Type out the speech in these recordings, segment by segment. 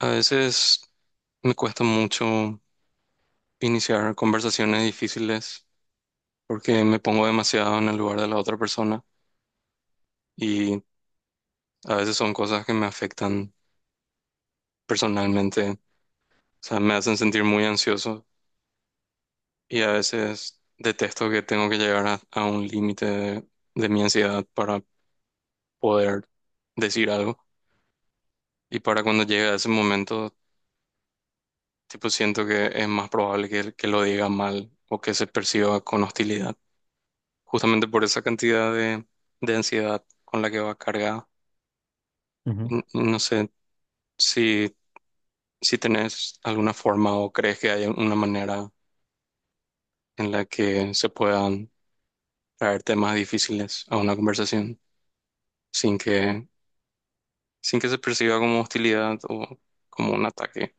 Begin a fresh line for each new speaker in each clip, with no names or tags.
A veces me cuesta mucho iniciar conversaciones difíciles porque me pongo demasiado en el lugar de la otra persona y a veces son cosas que me afectan personalmente, o sea, me hacen sentir muy ansioso y a veces detesto que tengo que llegar a un límite de mi ansiedad para poder decir algo y para cuando llegue a ese momento, tipo, siento que es más probable que lo diga mal o que se perciba con hostilidad. Justamente por esa cantidad de ansiedad con la que va cargada.
Ujú.
No sé si, si tenés alguna forma o crees que hay una manera en la que se puedan traer temas difíciles a una conversación sin que, sin que se perciba como hostilidad o como un ataque,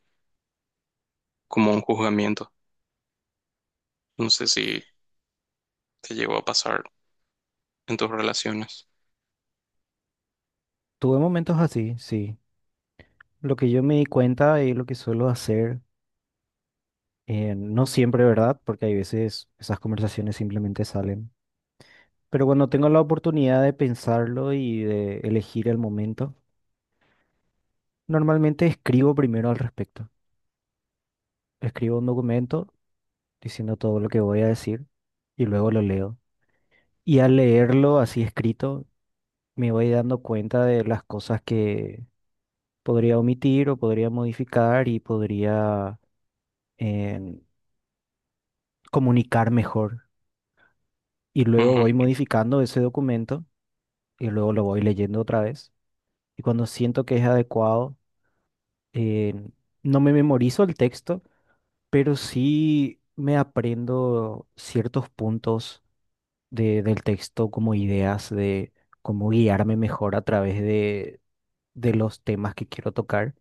como un juzgamiento. No sé si te llegó a pasar en tus relaciones.
Tuve momentos así, sí. Lo que yo me di cuenta y lo que suelo hacer, no siempre, ¿verdad? Porque hay veces esas conversaciones simplemente salen. Pero cuando tengo la oportunidad de pensarlo y de elegir el momento, normalmente escribo primero al respecto. Escribo un documento diciendo todo lo que voy a decir y luego lo leo. Y al leerlo así escrito, me voy dando cuenta de las cosas que podría omitir o podría modificar y podría... em, comunicar mejor. Y luego
Ujú.
voy modificando ese documento y luego lo voy leyendo otra vez. Y cuando siento que es adecuado, eh, no me memorizo el texto, pero sí me aprendo ciertos puntos del texto como ideas de cómo guiarme mejor a través de los temas que quiero tocar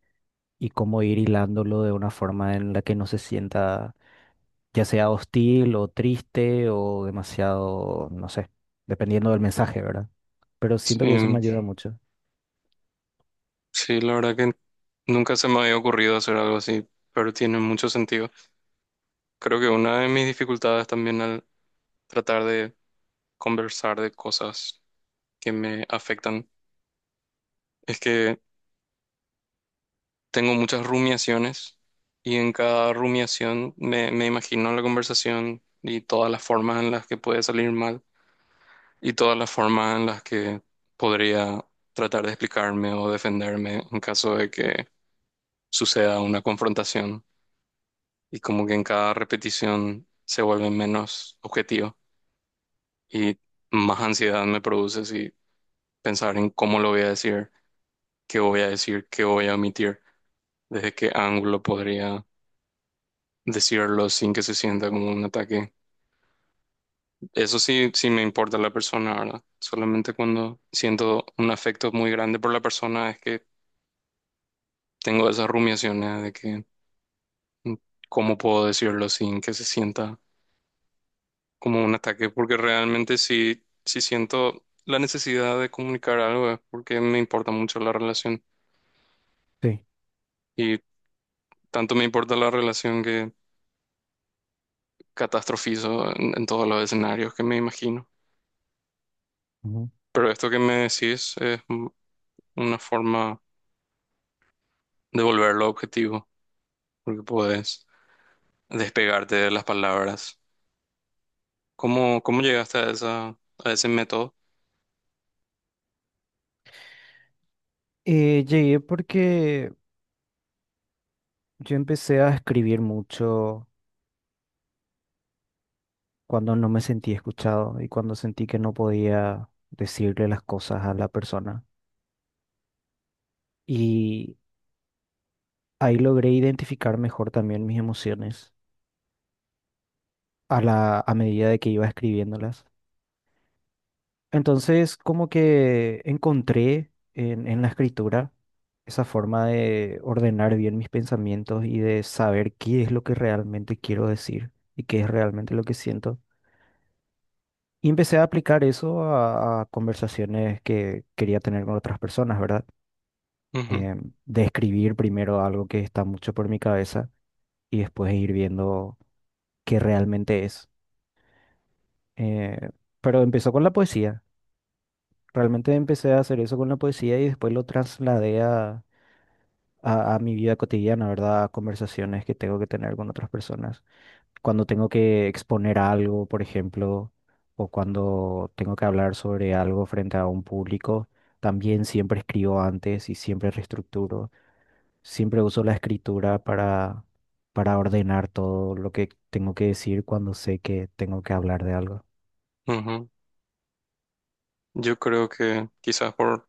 y cómo ir hilándolo de una forma en la que no se sienta ya sea hostil o triste o demasiado, no sé, dependiendo del mensaje, ¿verdad? Pero siento que eso me
Sí,
ayuda mucho.
sí, la verdad que nunca se me había ocurrido hacer algo así, pero tiene mucho sentido. Creo que una de mis dificultades también al tratar de conversar de cosas que me afectan es que tengo muchas rumiaciones y en cada rumiación me imagino la conversación y todas las formas en las que puede salir mal y todas las formas en las que podría tratar de explicarme o defenderme en caso de que suceda una confrontación y como que en cada repetición se vuelve menos objetivo y más ansiedad me produce si pensar en cómo lo voy a decir, qué voy a decir, qué voy a omitir, desde qué ángulo podría decirlo sin que se sienta como un ataque. Eso sí, sí me importa la persona, ¿verdad? Solamente cuando siento un afecto muy grande por la persona es que tengo esas rumiaciones de que mm, cómo puedo decirlo sin que se sienta como un ataque, porque realmente si siento la necesidad de comunicar algo, es porque me importa mucho la relación
Sí.
y tanto me importa la relación que catastrofizo en todos los escenarios que me imagino.
Ujú.
Pero esto que me decís es una forma de volverlo objetivo, porque puedes despegarte de las palabras. ¿Cómo, cómo llegaste a esa, a ese método?
Llegué porque yo empecé a escribir mucho cuando no me sentí escuchado y cuando sentí que no podía decirle las cosas a la persona. Y ahí logré identificar mejor también mis emociones a a medida de que iba escribiéndolas. Entonces, como que encontré en la escritura esa forma de ordenar bien mis pensamientos y de saber qué es lo que realmente quiero decir y qué es realmente lo que siento. Y empecé a aplicar eso a conversaciones que quería tener con otras personas, ¿verdad? De escribir primero algo que está mucho por mi cabeza y después ir viendo qué realmente es. Eh, pero empezó con la poesía. Realmente empecé a hacer eso con la poesía y después lo trasladé a mi vida cotidiana, ¿verdad? A conversaciones que tengo que tener con otras personas. Cuando tengo que exponer algo, por ejemplo, o cuando tengo que hablar sobre algo frente a un público, también siempre escribo antes y siempre reestructuro. Siempre uso la escritura para ordenar todo lo que tengo que decir cuando sé que tengo que hablar de algo.
Ujú, ujú. Yo creo que quizás por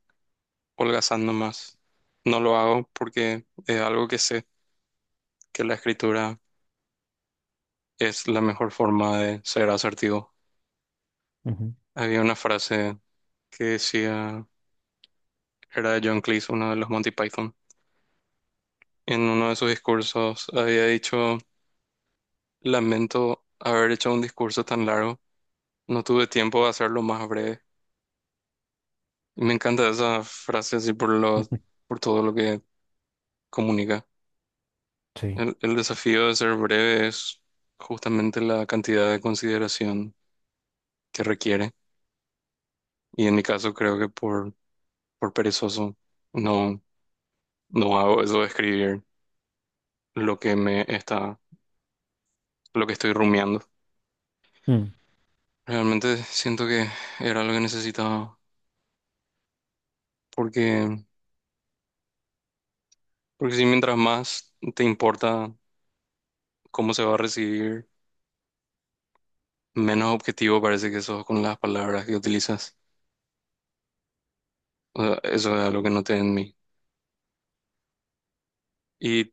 holgazando más. No lo hago porque es algo que sé, que la escritura es la mejor forma de ser asertivo.
Ujú.
Había una frase que decía, era de John Cleese, uno de los Monty Python, en uno de sus discursos había dicho, lamento haber hecho un discurso tan largo, no tuve tiempo de hacerlo más breve. Y me encanta esa frase así por lo, por todo lo que comunica.
Sí.
El desafío de ser breve es justamente la cantidad de consideración que requiere. Y en mi caso creo que por perezoso no, no hago eso de escribir lo que me está, lo que estoy rumiando.
Mm.
Realmente siento que era lo que necesitaba porque porque si mientras más te importa cómo se va a recibir, menos objetivo parece que sos con las palabras que utilizas. O sea, eso es algo que noté en mí. Y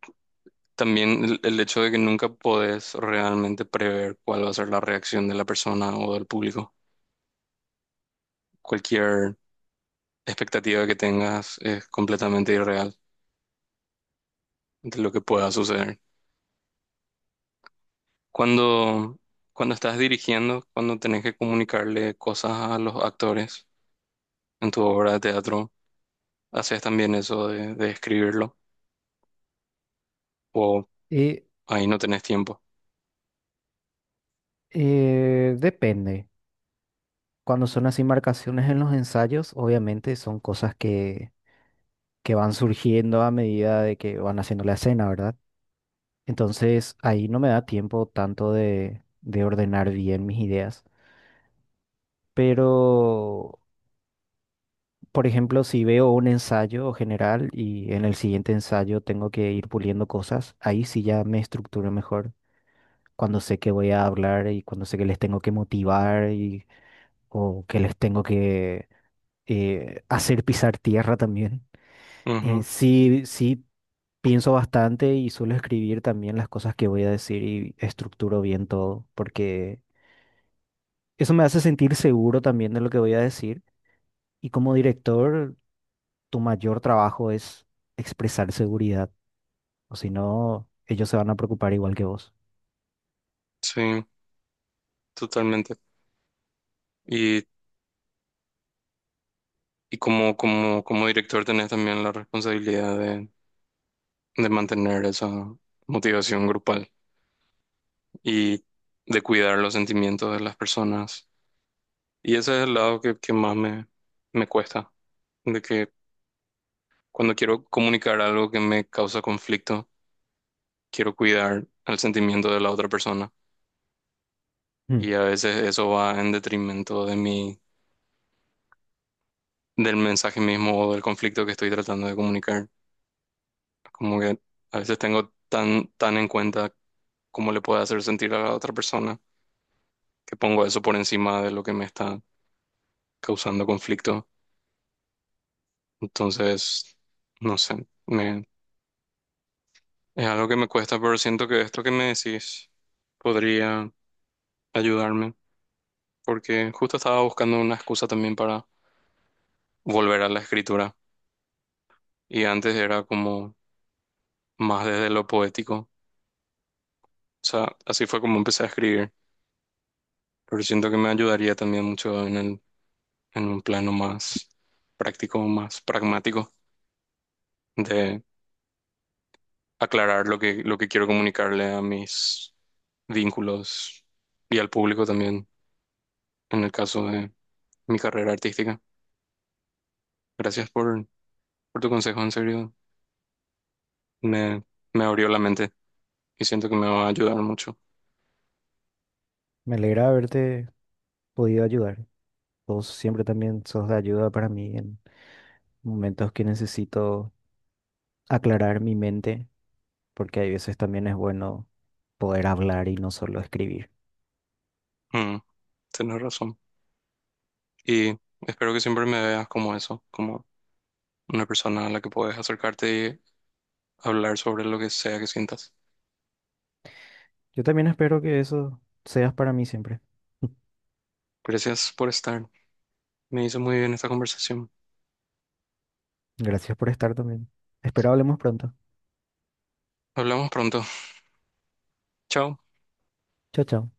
también el hecho de que nunca podés realmente prever cuál va a ser la reacción de la persona o del público. Cualquier expectativa que tengas es completamente irreal de lo que pueda suceder. Cuando, cuando estás dirigiendo, cuando tenés que comunicarle cosas a los actores en tu obra de teatro, haces también eso de escribirlo o
Y
ahí no tenés tiempo.
Depende. Cuando son así marcaciones en los ensayos, obviamente son cosas que van surgiendo a medida de que van haciendo la escena, ¿verdad? Entonces ahí no me da tiempo tanto de ordenar bien mis ideas. Pero, por ejemplo, si veo un ensayo general y en el siguiente ensayo tengo que ir puliendo cosas, ahí sí ya me estructuro mejor. Cuando sé que voy a hablar y cuando sé que les tengo que motivar y, o que les tengo que hacer pisar tierra también. Eh,
Ujú.
sí, sí, pienso bastante y suelo escribir también las cosas que voy a decir y estructuro bien todo, porque eso me hace sentir seguro también de lo que voy a decir. Y como director, tu mayor trabajo es expresar seguridad, o si no, ellos se van a preocupar igual que vos.
Sí, totalmente. Y, y como, como, como director tenés también la responsabilidad de mantener esa motivación grupal y de cuidar los sentimientos de las personas. Y ese es el lado que más me, me cuesta, de que cuando quiero comunicar algo que me causa conflicto, quiero cuidar el sentimiento de la otra persona.
Mm.
Y a veces eso va en detrimento de mi del mensaje mismo o del conflicto que estoy tratando de comunicar. Como que a veces tengo tan, tan en cuenta cómo le puede hacer sentir a la otra persona que pongo eso por encima de lo que me está causando conflicto. Entonces, no sé, me, es algo que me cuesta, pero siento que esto que me decís podría ayudarme porque justo estaba buscando una excusa también para volver a la escritura y antes era como más desde lo poético. O sea, así fue como empecé a escribir, pero siento que me ayudaría también mucho en el, en un plano más práctico, más pragmático, de aclarar lo que quiero comunicarle a mis vínculos y al público también, en el caso de mi carrera artística. Gracias por tu consejo, en serio, me, me abrió la mente y siento que me va a ayudar mucho.
Me alegra haberte podido ayudar. Vos siempre también sos de ayuda para mí en momentos que necesito aclarar mi mente, porque hay veces también es bueno poder hablar y no solo escribir.
Mm, tienes razón. Y espero que siempre me veas como eso, como una persona a la que puedes acercarte y hablar sobre lo que sea que sientas.
Yo también espero que eso seas para mí siempre.
Gracias por estar. Me hizo muy bien esta conversación.
Gracias por estar también. Espero hablemos pronto.
Hablamos pronto. Chao.
Chao, chao.